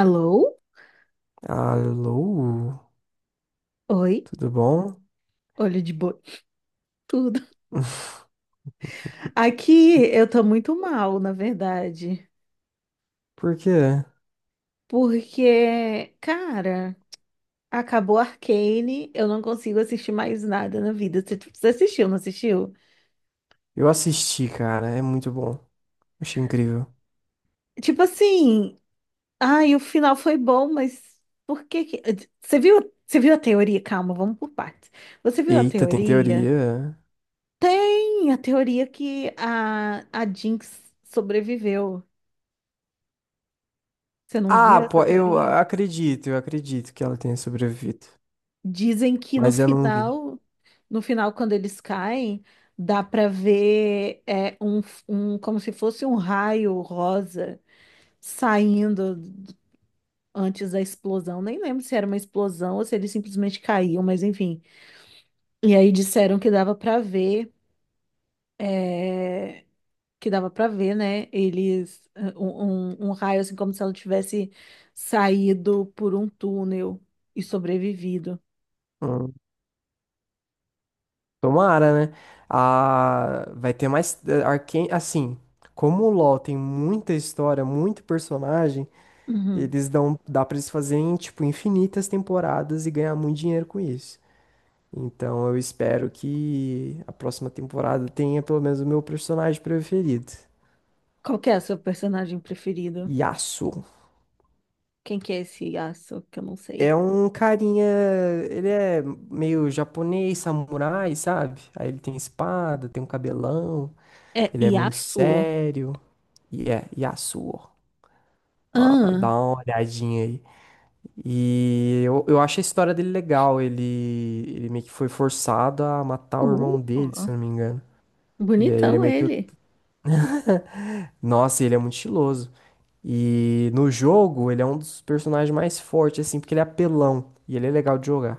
Alô? Alô, Oi? tudo bom? Olho de boi. Tudo. Aqui eu tô muito mal, na verdade. Por quê? Porque, cara, acabou Arcane, eu não consigo assistir mais nada na vida. Você assistiu, não assistiu? Eu assisti, cara, é muito bom. Achei incrível. Tipo assim, ai, o final foi bom, mas por que que... Você viu a teoria? Calma, vamos por partes. Você viu a Eita, tem teoria? teoria. Tem a teoria que a Jinx sobreviveu. Você não Ah, viu essa pô, teoria? Eu acredito que ela tenha sobrevivido. Dizem que no Mas eu não vi. final, no final, quando eles caem, dá para ver como se fosse um raio rosa saindo d- antes da explosão. Nem lembro se era uma explosão ou se eles simplesmente caíam, mas enfim. E aí disseram que dava para ver, é, que dava para ver, né? Eles raio assim como se ela tivesse saído por um túnel e sobrevivido. Hum, Tomara, né? Ah, vai ter mais. Arcane, assim, como o LoL tem muita história, muito personagem, Uhum. eles dão. Dá pra eles fazerem, tipo, infinitas temporadas e ganhar muito dinheiro com isso. Então eu espero que a próxima temporada tenha pelo menos o meu personagem preferido, Qual que é o seu personagem preferido? Yasuo. Quem que é esse Yasuo? Que eu não sei. É um carinha, ele é meio japonês, samurai, sabe? Aí ele tem espada, tem um cabelão, É ele é muito Yasuo. sério. E é Yasuo. Ó, dá Ah, uma olhadinha aí. E eu acho a história dele legal. Ele meio que foi forçado a matar o irmão dele, uh, se eu não me engano. E aí ele é bonitão meio que o… ele. Nossa, ele é muito estiloso. E no jogo, ele é um dos personagens mais fortes, assim, porque ele é apelão e ele é legal de jogar.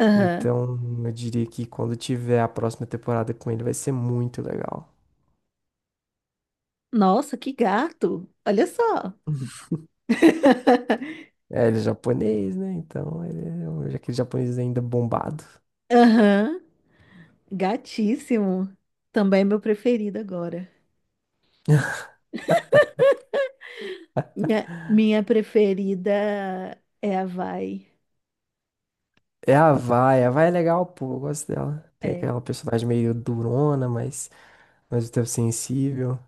Aham. Então, eu diria que quando tiver a próxima temporada com ele, vai ser muito legal. Nossa, que gato. Olha só. É, ele é japonês, né? Então, aquele japonês ainda bombado. Aham. Gatíssimo. Também é meu preferido agora. Minha preferida é a Vai. É a Vai é legal, pô, eu gosto dela. Tem É. aquela personagem meio durona, mas ao mesmo tempo sensível.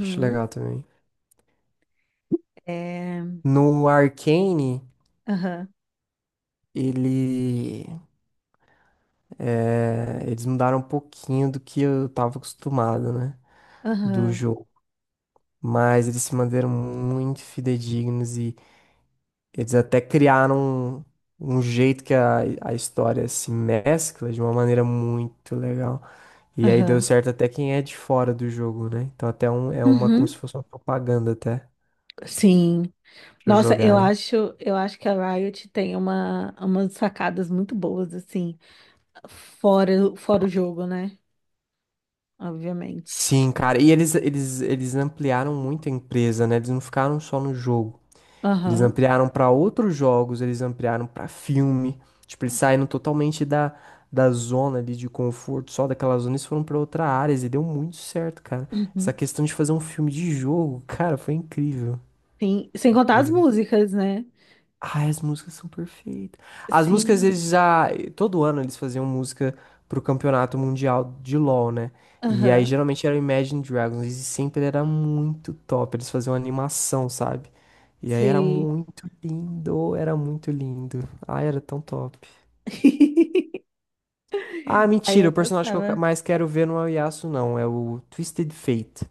Acho legal também. É. No Arcane, Aham. ele… É, eles mudaram um pouquinho do que eu tava acostumado, né? Do Aham. jogo. Mas eles se manteram muito fidedignos e eles até criaram um jeito que a história se mescla de uma maneira muito legal. E aí deu Aham. certo até quem é de fora do jogo, né? Então até um, é uma, como se Uhum. fosse uma propaganda até Sim. pra Nossa, eu jogarem. acho, eu acho que a Riot tem uma, umas sacadas muito boas, assim, fora o jogo, né? Obviamente. Sim, cara. E eles ampliaram muito a empresa, né? Eles não ficaram só no jogo. Eles Aham. ampliaram para outros jogos, eles ampliaram para filme. Tipo, eles saíram totalmente da zona ali de conforto, só daquela zona, eles foram para outra área e deu muito certo, cara. Essa Uhum. questão de fazer um filme de jogo, cara, foi incrível. Sim, sem contar as Incrível. músicas, né? Ai, as músicas são perfeitas. As músicas, Sim. eles já… Todo ano eles faziam música pro campeonato mundial de LoL, né? E aí Aham. geralmente era Imagine Dragons. E sempre era muito top. Eles faziam animação, sabe? E aí era Sim. muito lindo. Era muito lindo. Ai, era tão top. Ah, Aí mentira. eu O personagem que gostava. mais quero ver não é o Yasuo, não. É o Twisted Fate.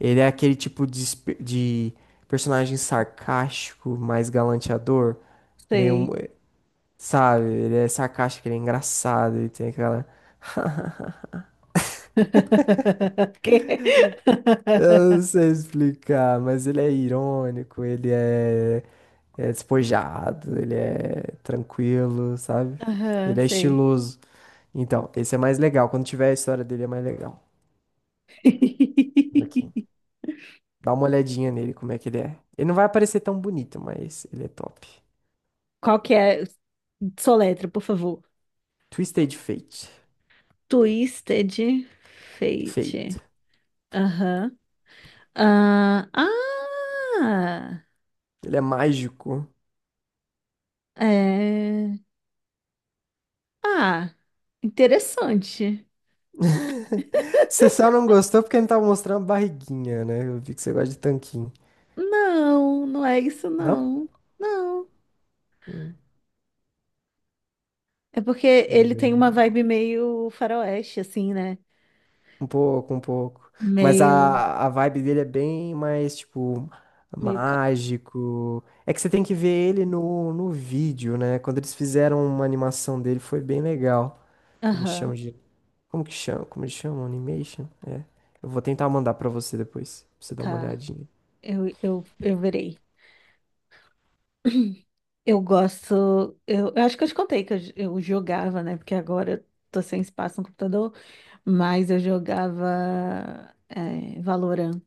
Ele é aquele tipo de, de personagem sarcástico, mais galanteador. Meio… Sei. Sabe? Ele é sarcástico, ele é engraçado, ele tem aquela… Quê? Eu não sei explicar, mas ele é irônico, ele é, é despojado, ele é tranquilo, sabe? Aham, Ele é sei. estiloso. Então, esse é mais legal. Quando tiver a história dele, é mais legal. Ok. Dá uma olhadinha nele, como é que ele é. Ele não vai aparecer tão bonito, mas ele é top. Qual que é? Soletra, por favor. Twisted Fate. Twisted Fate. Fate. Aham. Ah, ah, Ele é mágico. é. Ah, interessante. Você só não gostou porque não tava mostrando a barriguinha, né? Eu vi que você gosta de tanquinho. Não, não é isso, Não? não. Não. Hum, É porque mas ele é tem uma legal. vibe meio faroeste, assim, né? Um pouco, um pouco. Mas Meio, a vibe dele é bem mais, tipo, meio. mágico. É que você tem que ver ele no vídeo, né? Quando eles fizeram uma animação dele, foi bem legal. A gente chama Aham, de… Como que chama? Como eles chamam? Animation? É. Eu vou tentar mandar pra você depois, pra você dar uma tá. olhadinha. Eu verei. Eu gosto. Eu acho que eu te contei que eu jogava, né? Porque agora eu tô sem espaço no computador, mas eu jogava Valorant.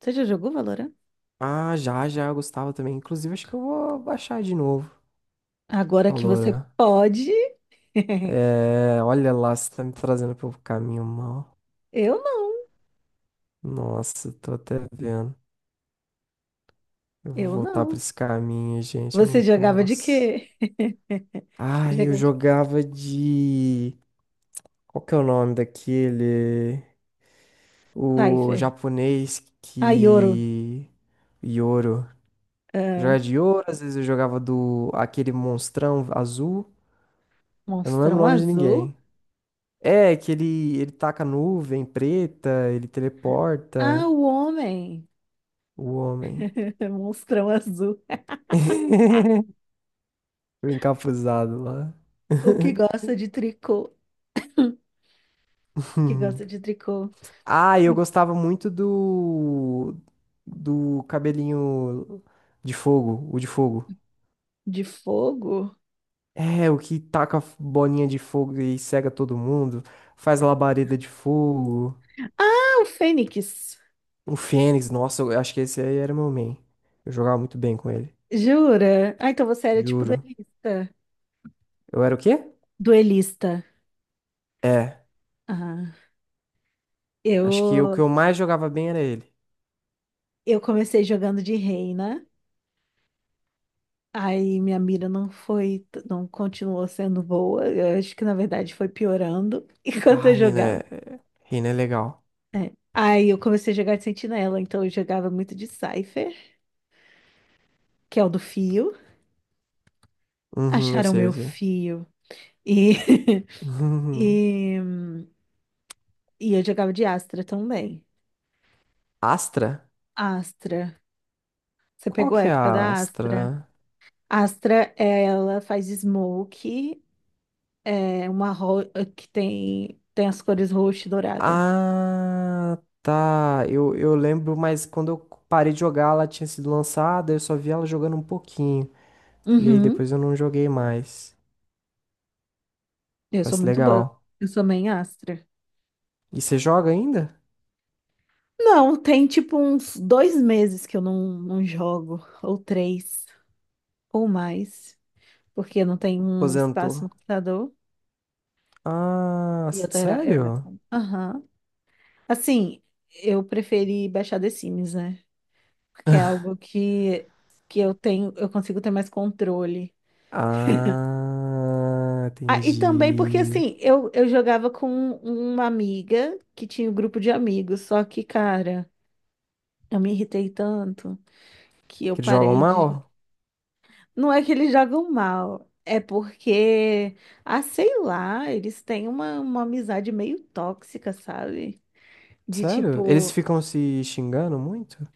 Você já jogou Valorant? Ah, já, já, eu gostava também. Inclusive, acho que eu vou baixar de novo. Agora que Falou, você né? pode. É, olha lá, você tá me trazendo pelo caminho mal. Eu não, Nossa, tô até vendo. Eu vou eu voltar pra não. esse caminho, gente, eu Você não jogava de posso. quê? Você Ah, eu jogava de quê? jogava de… Qual que é o nome daquele? O Cypher. japonês Ah, Yoro. que… Yoro. Ah, Jogava de Yoro, às vezes eu jogava do… Aquele monstrão azul. Eu não lembro o Monstrão nome de Azul. ninguém. É, que ele taca nuvem preta, ele Ah, teleporta o homem. o homem. Monstrão Azul. O encapuzado lá. O que gosta de tricô? Que gosta de tricô? Ah, eu gostava muito do cabelinho de fogo, o de fogo. De fogo? É, o que taca bolinha de fogo e cega todo mundo, faz labareda de fogo. Ah, o Fênix. O Fênix, nossa, eu acho que esse aí era meu main. Eu jogava muito bem com ele, Jura? Ah, então você era tipo juro. duelista. Eu era o quê? Duelista. É, Ah, acho que o que eu eu mais jogava bem era ele. eu comecei jogando de reina. Aí minha mira não foi, não continuou sendo boa. Eu acho que na verdade foi piorando enquanto Ah, eu jogava. Reina é legal. Aí eu comecei a jogar de sentinela, então eu jogava muito de Cypher, que é o do fio. Uhum, eu Acharam sei, eu meu sei. fio. E, e, e eu jogava de Astra também. Astra? Astra. Você Qual pegou a que é época a da Astra. Astra? Astra, é, ela faz smoke, é uma ro- que tem, tem as cores roxa e dourada. Ah, tá. Eu lembro, mas quando eu parei de jogar, ela tinha sido lançada, eu só vi ela jogando um pouquinho. E aí Uhum. depois eu não joguei mais. Eu sou Parece muito boa. legal. Eu sou main Astra. E você joga ainda? Não, tem tipo uns dois meses que eu não jogo, ou três, ou mais, porque não tem um espaço Aposentou. no computador. Ah, E eu era, eu era. sério? Aham. Assim, eu preferi baixar The Sims, né? Porque é algo que eu tenho, eu consigo ter mais controle. Ah, Ah, e também porque entendi. assim, eu jogava com uma amiga que tinha um grupo de amigos, só que, cara, eu me irritei tanto que eu Que eles jogam parei de. mal? Não é que eles jogam mal, é porque, ah, sei lá, eles têm uma amizade meio tóxica, sabe? De Sério? Eles tipo, ficam se xingando muito?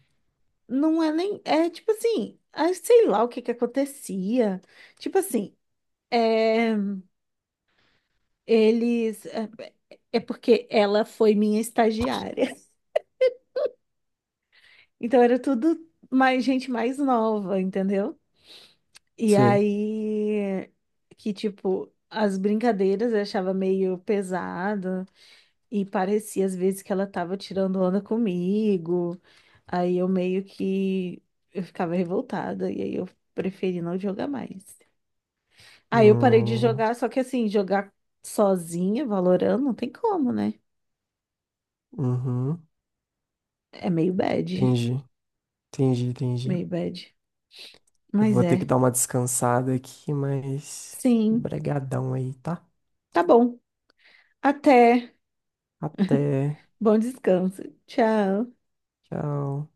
não é nem. É tipo assim, ah, sei lá o que que acontecia. Tipo assim, é, eles. É é é porque ela foi minha estagiária. Então era tudo mais gente mais nova, entendeu? E Sei. aí que tipo as brincadeiras eu achava meio pesado e parecia às vezes que ela tava tirando onda comigo. Aí eu meio que eu ficava revoltada e aí eu preferi não jogar mais. Aí eu parei de Hum, jogar, só que assim, jogar sozinha, Valorant, não tem como, né? uhum, É meio bad, entendi. Entendi, entendi. meio bad. Eu Mas vou ter que é. dar uma descansada aqui, mas… Sim, Bregadão aí, tá? tá bom. Até. Até. Bom descanso. Tchau. Tchau.